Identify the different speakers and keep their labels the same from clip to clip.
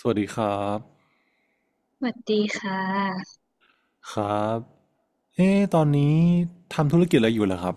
Speaker 1: สวัสดีครับ
Speaker 2: สวัสดีค่ะ
Speaker 1: ครับเอ๊ะตอนนี้ทำธุรกิจอะไรอยู่เหรอครับ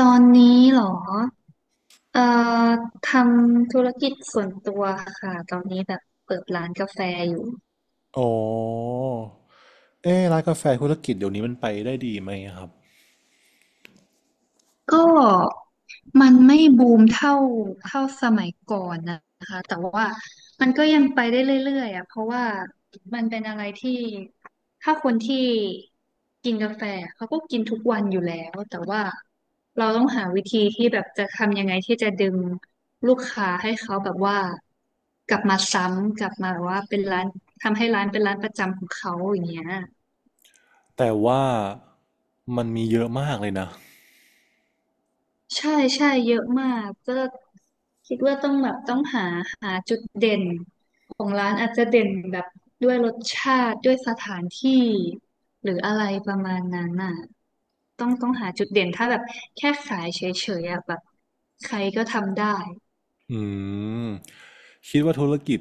Speaker 2: ตอนนี้เหรอเอ่อทำธุรกิจส่วนตัวค่ะตอนนี้แบบเปิดร้านกาแฟอยู่
Speaker 1: อ๋อเอ๊ะร้านกาแฟธุรกิจเดี๋ยวนี้มันไปได้ดีไหมครับ
Speaker 2: ก็มันไม่บูมเท่าสมัยก่อนนะคะแต่ว่ามันก็ยังไปได้เรื่อยๆอ่ะเพราะว่ามันเป็นอะไรที่ถ้าคนที่กินกาแฟเขาก็กินทุกวันอยู่แล้วแต่ว่าเราต้องหาวิธีที่แบบจะทำยังไงที่จะดึงลูกค้าให้เขาแบบว่ากลับมาซ้ำกลับมาแบบว่าเป็นร้านทำให้ร้านเป็นร้านประจำของเขาอย่างเงี้ย
Speaker 1: แต่ว่ามันมีเยอะมากเลยนะ
Speaker 2: ใช่ใช่เยอะมากก็คิดว่าต้องหาจุดเด่นของร้านอาจจะเด่นแบบด้วยรสชาติด้วยสถานที่หรืออะไรประมาณนั้นน่ะต้องหาจุดเด่นถ้าแบบแค่ขายเฉยๆอะแบบใครก็ทำได้
Speaker 1: อืมคิดว่าธุรกิจ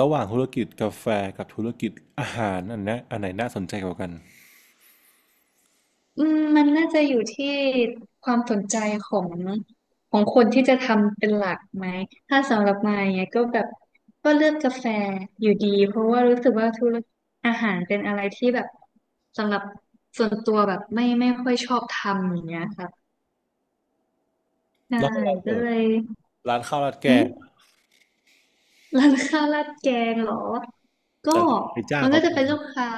Speaker 1: ระหว่างธุรกิจกาแฟกับธุรกิจอาหารอันเนี้ยอันไหนน่าสนใจกว่ากัน
Speaker 2: อืมมันน่าจะอยู่ที่ความสนใจของของคนที่จะทำเป็นหลักไหมถ้าสำหรับมายอย่างเงี้ยก็แบบก็เลือกกาแฟอยู่ดีเพราะว่ารู้สึกว่าธุรกิจอาหารเป็นอะไรที่แบบสำหรับส่วนตัวแบบไม่ค่อยชอบทำอย่างเงี้ยค่ะใช่
Speaker 1: แล้วถ้าเรา
Speaker 2: ก็
Speaker 1: เปิ
Speaker 2: เล
Speaker 1: ด
Speaker 2: ย
Speaker 1: ร้านข้าวราดแก
Speaker 2: หืม
Speaker 1: ง
Speaker 2: ร้านข้าวราดแกงเหรอก็
Speaker 1: แต่ไปจ้าง
Speaker 2: มันก็
Speaker 1: เขาท
Speaker 2: จะเป็นลูกค้า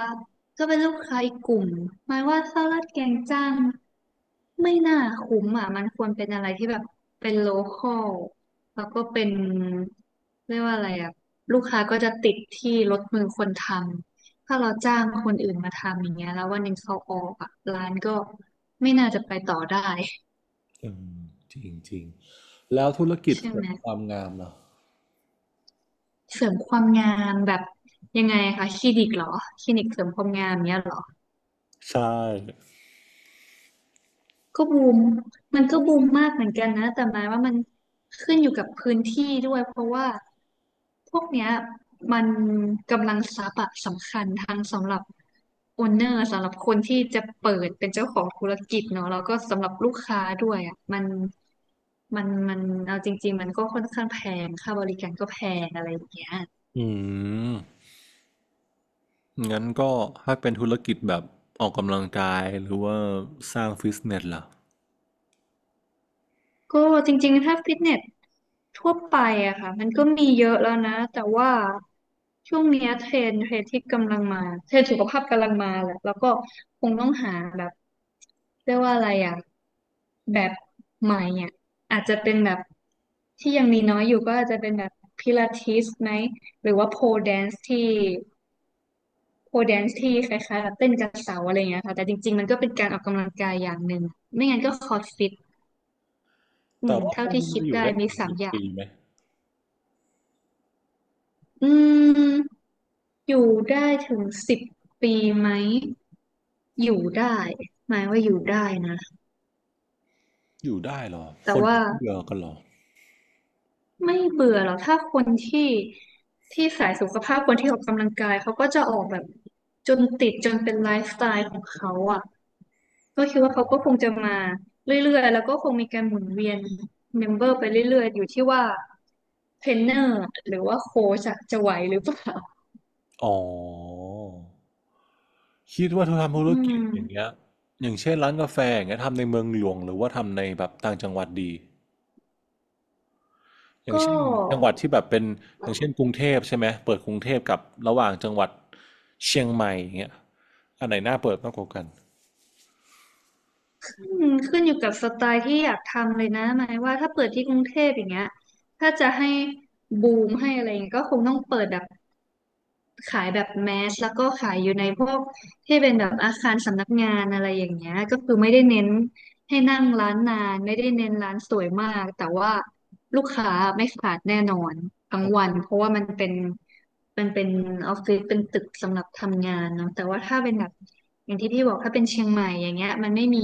Speaker 2: ก็เป็นลูกค้าอีกกลุ่มหมายว่าข้าวราดแกงจ้างไม่น่าคุ้มอ่ะมันควรเป็นอะไรที่แบบเป็นโลคอลแล้วก็เป็นเรียกว่าอะไรอ่ะลูกค้าก็จะติดที่รถมือคนทำถ้าเราจ้างคนอื่นมาทำอย่างเงี้ยแล้ววันหนึ่งเขาออกอ่ะร้านก็ไม่น่าจะไปต่อได้
Speaker 1: ำอืมจริงจริง แล้วธุรกิจ
Speaker 2: ใช่
Speaker 1: เสริ
Speaker 2: ไหม
Speaker 1: มความงามเหรอ
Speaker 2: เสริมความงามแบบยังไงคะคลินิกเหรอคลินิกเสริมความงามเนี้ยเหรอ
Speaker 1: ใช่
Speaker 2: ก็บูมมันก็บูมมากเหมือนกันนะแต่หมายว่ามันขึ้นอยู่กับพื้นที่ด้วยเพราะว่าพวกเนี้ยมันกำลังทรัพย์อะสำคัญทางสำหรับโอนเนอร์สำหรับคนที่จะเปิดเป็นเจ้าของธุรกิจเนาะแล้วก็สำหรับลูกค้าด้วยอะมันเอาจริงๆมันก็ค่อนข้างแพงค่าบริการก็แพงอะไรอย่างเงี้ย
Speaker 1: อืมงั้นก็ถ้าเป็นธุรกิจแบบออกกำลังกายหรือว่าสร้างฟิตเนสล่ะ
Speaker 2: ก็จริงๆถ้าฟิตเนสทั่วไปอะค่ะมันก็มีเยอะแล้วนะแต่ว่าช่วงเนี้ยเทรนด์ที่กำลังมาเทรนด์สุขภาพกำลังมาแหละแล้วก็คงต้องหาแบบเรียกว่าอะไรอะแบบใหม่อะอาจจะเป็นแบบที่ยังมีน้อยอยู่ก็อาจจะเป็นแบบพิลาทิสไหมหรือว่าโพแดนซ์ที่โพแดนซ์ที่คล้ายๆแบบเต้นกับเสาอะไรอย่างเงี้ยค่ะแต่จริงๆมันก็เป็นการออกกำลังกายอย่างหนึ่งไม่งั้นก็คอร์ดฟิตอื
Speaker 1: แต่
Speaker 2: ม
Speaker 1: ว่าพ
Speaker 2: เท่า
Speaker 1: วก
Speaker 2: ที่
Speaker 1: นี้มัน
Speaker 2: คิด
Speaker 1: จะอยู่
Speaker 2: ได้
Speaker 1: ได้
Speaker 2: มี
Speaker 1: ถึง
Speaker 2: สา
Speaker 1: สิ
Speaker 2: ม
Speaker 1: บ
Speaker 2: อย่า
Speaker 1: ปี
Speaker 2: ง
Speaker 1: ไหม
Speaker 2: อืม อยู่ได้ถึง10 ปีไหมอยู่ได้หมายว่าอยู่ได้นะ
Speaker 1: อยู่ได้เหรอ
Speaker 2: แต่
Speaker 1: คน
Speaker 2: ว่า
Speaker 1: เบื่อกันเหรอ
Speaker 2: ไม่เบื่อหรอกถ้าคนที่ที่สายสุขภาพคนที่ออกกำลังกายเขาก็จะออกแบบจนติดจนเป็นไลฟ์สไตล์ของเขาอ่ะก็คิดว่าเขาก็คงจะมาเรื่อยๆแล้วก็คงมีการหมุนเวียนเมมเบอร์ไปเรื่อยๆอยู่ที่ว่าเทรนเนอร์หรือว่าโค้ชอะจะไหวหรือเปล่า
Speaker 1: อ๋อคิดว่าถ้าทำธุร
Speaker 2: อื
Speaker 1: กิจอย่างเงี้
Speaker 2: ม
Speaker 1: ยอย่างเช่นร้านกาแฟอย่างเงี้ยทำในเมืองหลวงหรือว่าทำในแบบต่างจังหวัดดีอย่าง
Speaker 2: ก็
Speaker 1: เช่นจังหวัดที่แบบเป็นอย่างเช่นกรุงเทพใช่ไหมเปิดกรุงเทพกับระหว่างจังหวัดเชียงใหม่อย่างเงี้ยอันไหนน่าเปิดมากกว่ากัน
Speaker 2: อืมขึ้นอยู่กับสไตล์ที่อยากทำเลยนะหมายว่าถ้าเปิดที่กรุงเทพอย่างเงี้ยถ้าจะให้บูมให้อะไรอย่างเงี้ยก็คงต้องเปิดแบบ ขายแบบแมสแล้วก็ขายอยู่ในพวกที่เป็นแบบอาคารสำนักงานอะไรอย่างเงี้ยก็คือไม่ได้เน้นให้นั่งร้านนานไม่ได้เน้นร้านสวยมากแต่ว่าลูกค้าไม่ขาดแน่นอนทั้งวันเพราะว่ามันเป็นออฟฟิศเป็นตึกสำหรับทำงานเนาะแต่ว่าถ้าเป็นแบบอย่างที่พี่บอกถ้าเป็นเชียงใหม่อย่างเงี้ยมันไม่มี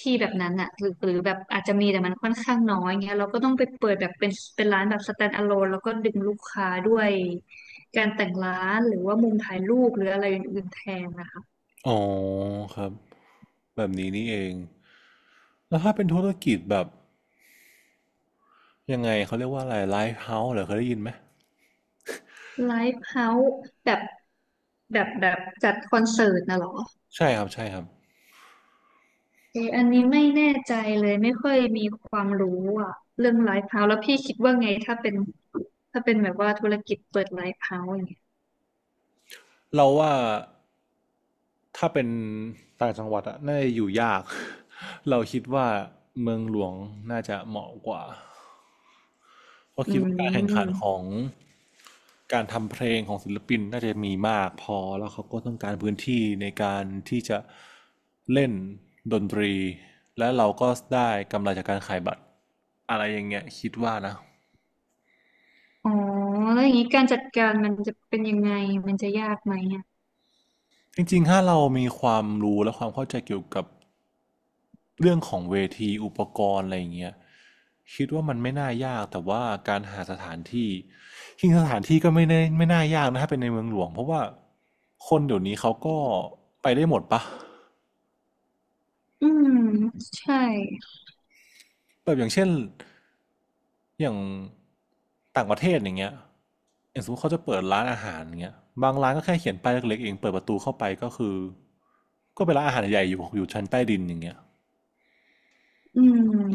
Speaker 2: ที่แบบนั้นอะหรือหรือแบบอาจจะมีแต่มันค่อนข้างน้อยเงี้ยเราก็ต้องไปเปิดแบบเป็นร้านแบบ stand alone แล้วก็ดึงลูกค้าด้วย การแต่งร้านหรือว่ามุมถ่ายรูปหรืออะไรอื่นๆแทนนะคะ
Speaker 1: อ๋อครับ แบบนี้นี่เอง แล้วถ้าเป็นธุรกิจแบบยังไงเขาเรียกว่าอะไรไลฟ์เฮาส์เหรอเคยได้ยินไหม
Speaker 2: ไลฟ์เฮาส์แบบแบบจัดคอนเสิร์ตนะเหรอ
Speaker 1: ใช่ครับใช่ครับ
Speaker 2: เอออันนี้ไม่แน่ใจเลยไม่ค่อยมีความรู้อ่ะเรื่องไลฟ์เฮาส์แล้วพี่คิดว่าไงถ้าเป็นถ้าเป็นแบบว่าธุรกิจเปิดไลฟ์เฮาส์อย่างเงี้ย
Speaker 1: เราว่าถ้าเป็นต่างจังหวัดอะน่าจะอยู่ยาก เราคิดว่าเมืองหลวงน่าจะเหมาะกว่าเพราะ
Speaker 2: อื
Speaker 1: คิดว่าการแข่งขันขอ
Speaker 2: ม
Speaker 1: งการทำเพลงของศิลปินน่าจะมีมากพอแล้วเขาก็ต้องการพื้นที่ในการที่จะเล่นดนตรีและเราก็ได้กำไรจากการขายบัตรอะไรอย่างเงี้ยคิดว่านะ
Speaker 2: อ๋อแล้วอย่างนี้การจัดการมันจะเป็นยังไงมันจะยากไหมอ่ะ
Speaker 1: จริงๆถ้าเรามีความรู้และความเข้าใจเกี่ยวกับเรื่องของเวทีอุปกรณ์อะไรอย่างเงี้ยคิดว่ามันไม่น่ายากแต่ว่าการหาสถานที่จริงๆสถานที่ก็ไม่ได้ไม่น่ายากนะถ้าเป็นในเมืองหลวงเพราะว่าคนเดี๋ยวนี้เขาก็ไปได้หมดปะ
Speaker 2: อืมใช่
Speaker 1: แบบอย่างเช่นอย่างต่างประเทศอย่างเงี้ยอย่างสมมติเขาจะเปิดร้านอาหารอย่างเงี้ยบางร้านก็แค่เขียนป้ายเล็กๆเองเปิดประตูเข้าไปก็คือก็เป็นร้านอาหารใหญ่อยู่อยู่ชั้นใต้ดินอย่างเงี้ย
Speaker 2: อื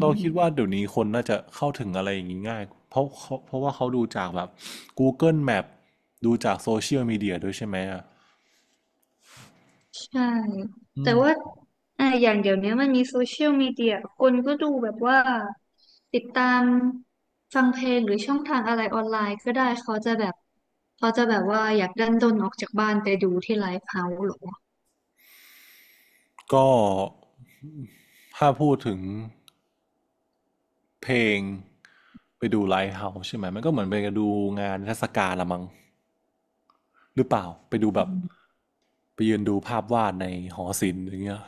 Speaker 1: เราคิดว่าเดี๋ยวนี้คนน่าจะเข้าถึงอะไรอย่างนี้ง่ายเพราะเขาเพราะว่าเขาดูจากแบบ Google Map ดูจากโซเชียลมีเดียด้วยใช่ไหมอ่ะ
Speaker 2: ใช่
Speaker 1: อื
Speaker 2: แต่ว่า
Speaker 1: ม
Speaker 2: อย่างเดี๋ยวนี้มันมีโซเชียลมีเดียคนก็ดูแบบว่าติดตามฟังเพลงหรือช่องทางอะไรออนไลน์ก็ได้เขาจะแบบเขาจะแบบว่าอยากดันด้นออกจากบ้านไปดูที่ไลฟ์เฮาส์หรอ
Speaker 1: ก็ถ้าพูดถึงเพลงไปดูไลฟ์เฮาส์ใช่ไหมมันก็เหมือนไปดูงานเทศกาลละมั้งหรือเปล่าไปดูแบบ
Speaker 2: อ
Speaker 1: ไปยืนดูภาพวาดในหอศิลป์อย่างเงี้ย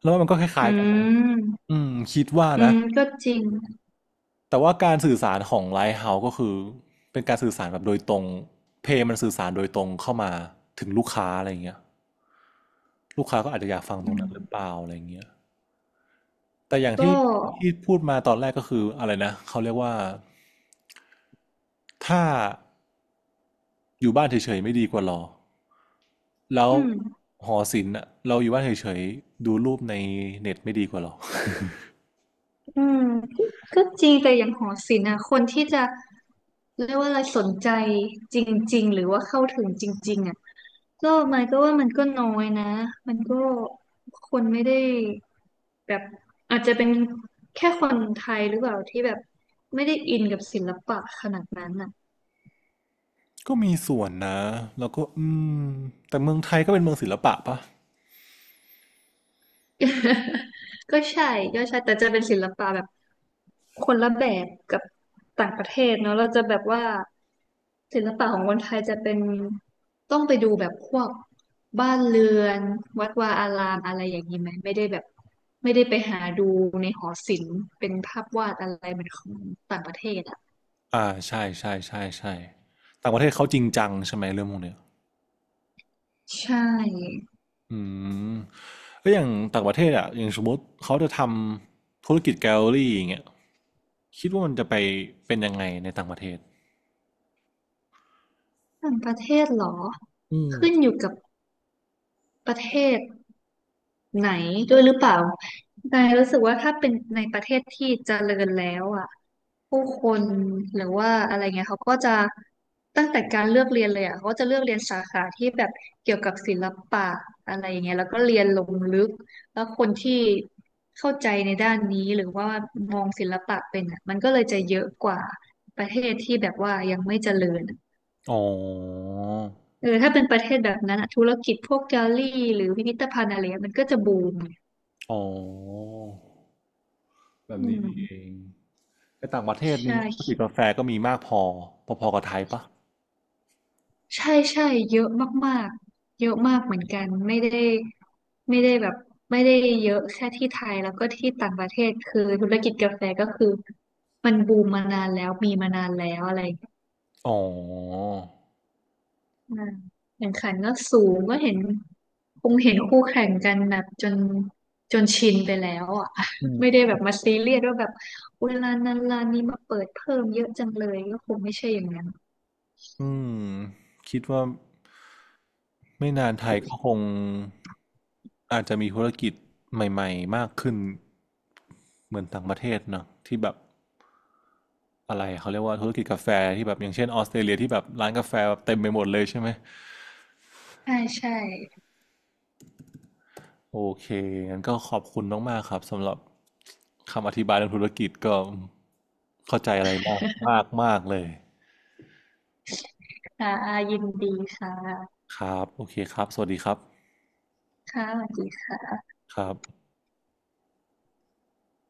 Speaker 1: แล้วมันก็คล้า
Speaker 2: ื
Speaker 1: ยๆกันเนอะ
Speaker 2: ม
Speaker 1: อืมคิดว่า
Speaker 2: อื
Speaker 1: นะ
Speaker 2: มก็จริง
Speaker 1: แต่ว่าการสื่อสารของไลท์เฮาส์ก็คือเป็นการสื่อสารแบบโดยตรงเพลงมันสื่อสารโดยตรงเข้ามาถึงลูกค้าอะไรเงี้ยลูกค้าก็อาจจะอยากฟังต
Speaker 2: อื
Speaker 1: รง
Speaker 2: ม
Speaker 1: นั้นหรือเปล่าอะไรเงี้ยแต่อย่าง
Speaker 2: ก็
Speaker 1: ที่ที่พูดมาตอนแรกก็คืออะไรนะเขาเรียกว่าถ้าอยู่บ้านเฉยๆไม่ดีกว่ารอแล้ว
Speaker 2: อืม
Speaker 1: หอศิลป์เราอยู่บ้านเฉยๆดูรูปในเน็ตไม่ดีกว่าหรอ
Speaker 2: อืมก็ก็จริงแต่อย่างหอศิลป์อะคนที่จะเรียกว่าอะไรสนใจจริงๆหรือว่าเข้าถึงจริงๆอะก็มันก็น้อยนะมันก็คนไม่ได้แบบอาจจะเป็นแค่คนไทยหรือเปล่าที่แบบไม่ได้อินกับศิลปะขนาดนั้นอ่ะ
Speaker 1: ก็มีส่วนนะแล้วก็อืมแต่เมืองไทยก็เป็นเมืองศิลปะปะ
Speaker 2: ก็ใช่ก็ใช่แต่จะเป็นศิลปะแบบคนละแบบกับต่างประเทศเนาะเราจะแบบว่า ศิลปะของคนไทยจะเป็นต้องไปดูแบบพวกบ้านเรือนวัดวาอารามอะไรอย่างนี้ไหมไม่ได้แบบไม่ได้ไปหาดูในหอศิลป์เป็นภาพวาดอะไรเหมือนของต่างประเทศอ่ะ
Speaker 1: อาใช่ใช่ใช่ใช่ต่างประเทศเขาจริงจังใช่ไหมเรื่องพวกเนี้ย
Speaker 2: ใช่
Speaker 1: อืมแล้วอย่างต่างประเทศอะอย่างสมมติเขาจะทำธุรกิจแกลเลอรี่อย่างเงี้ยคิดว่ามันจะไปเป็นยังไงในต่างประเทศ
Speaker 2: ต่างประเทศเหรอ
Speaker 1: อืม
Speaker 2: ขึ้นอยู่กับประเทศ ไหนด้วยหรือเปล่านายรู้สึกว่าถ้าเป็นในประเทศที่เจริญแล้วอ่ะผู้คนหรือว่าอะไรเงี้ยเขาก็จะตั้งแต่การเลือกเรียนเลยอ่ะเขาก็จะเลือกเรียนสาขาที่แบบเกี่ยวกับศิลปะอะไรอย่างเงี้ยแล้วก็เรียนลงลึกแล้วคนที่เข้าใจในด้านนี้หรือว่ามองศิลปะเป็นอ่ะมันก็เลยจะเยอะกว่าประเทศที่แบบว่ายังไม่เจริญอ
Speaker 1: อ๋อ
Speaker 2: เออถ้าเป็นประเทศแบบนั้นอ่ะธุรกิจพวกแกลลี่หรือพิพิธภัณฑ์อะไรเงี้ยมันก็จะบูม
Speaker 1: อ๋อแบบ
Speaker 2: อื
Speaker 1: นี้
Speaker 2: ม
Speaker 1: นี่เองแต่ต่างประเทศ
Speaker 2: ใช่
Speaker 1: นี้ธุรกิจกาแฟก็มีมากพอพอๆกับไทยปะ
Speaker 2: ใช่ ใช่ เยอะมากๆเยอะมากเหมือนกัน ไม่ได้แบบไม่ได้เยอะแค่ที่ไทยแล้วก็ที่ต่างประเทศคือธุรกิจกาแฟก็คือมันบูมมานานแล้วมีมานานแล้วอะไรอย่างเงี้ย
Speaker 1: อ๋อ
Speaker 2: อืมแข่งขันก็สูงก็เห็นคงเห็นคู่แข่งกันแบบจนชินไปแล้วอ่ะ
Speaker 1: อื ม
Speaker 2: ไม่ได้แบบมาซีเรียสว่าแบบเวลานั้นร้านนี้มาเปิดเพิ่มเยอะจังเลยก็คงไม่ใช่อย่างนั้น
Speaker 1: อืมคิดว่าไม่นานไทยก็คงอาจจะมีธุรกิจใหม่ๆมากขึ้นเหมือนต่างประเทศเนอะที่แบบอะไรเขาเรียกว่าธุรกิจกาแฟที่แบบอย่างเช่นออสเตรเลียที่แบบร้านกาแฟแบบเต็มไปหมดเลยใช่ไหม
Speaker 2: ใช่ใช่
Speaker 1: โอเคงั้นก็ขอบคุณมากๆครับสำหรับคำอธิบายเรื่องธุรกิจก็เข้าใจอะไรมากมากมากเลย
Speaker 2: ค่ะยินดีค่ะ
Speaker 1: ครับโอเคครับสวัสดีครับ
Speaker 2: ค่ะสวัสดีค่ะ
Speaker 1: ครับ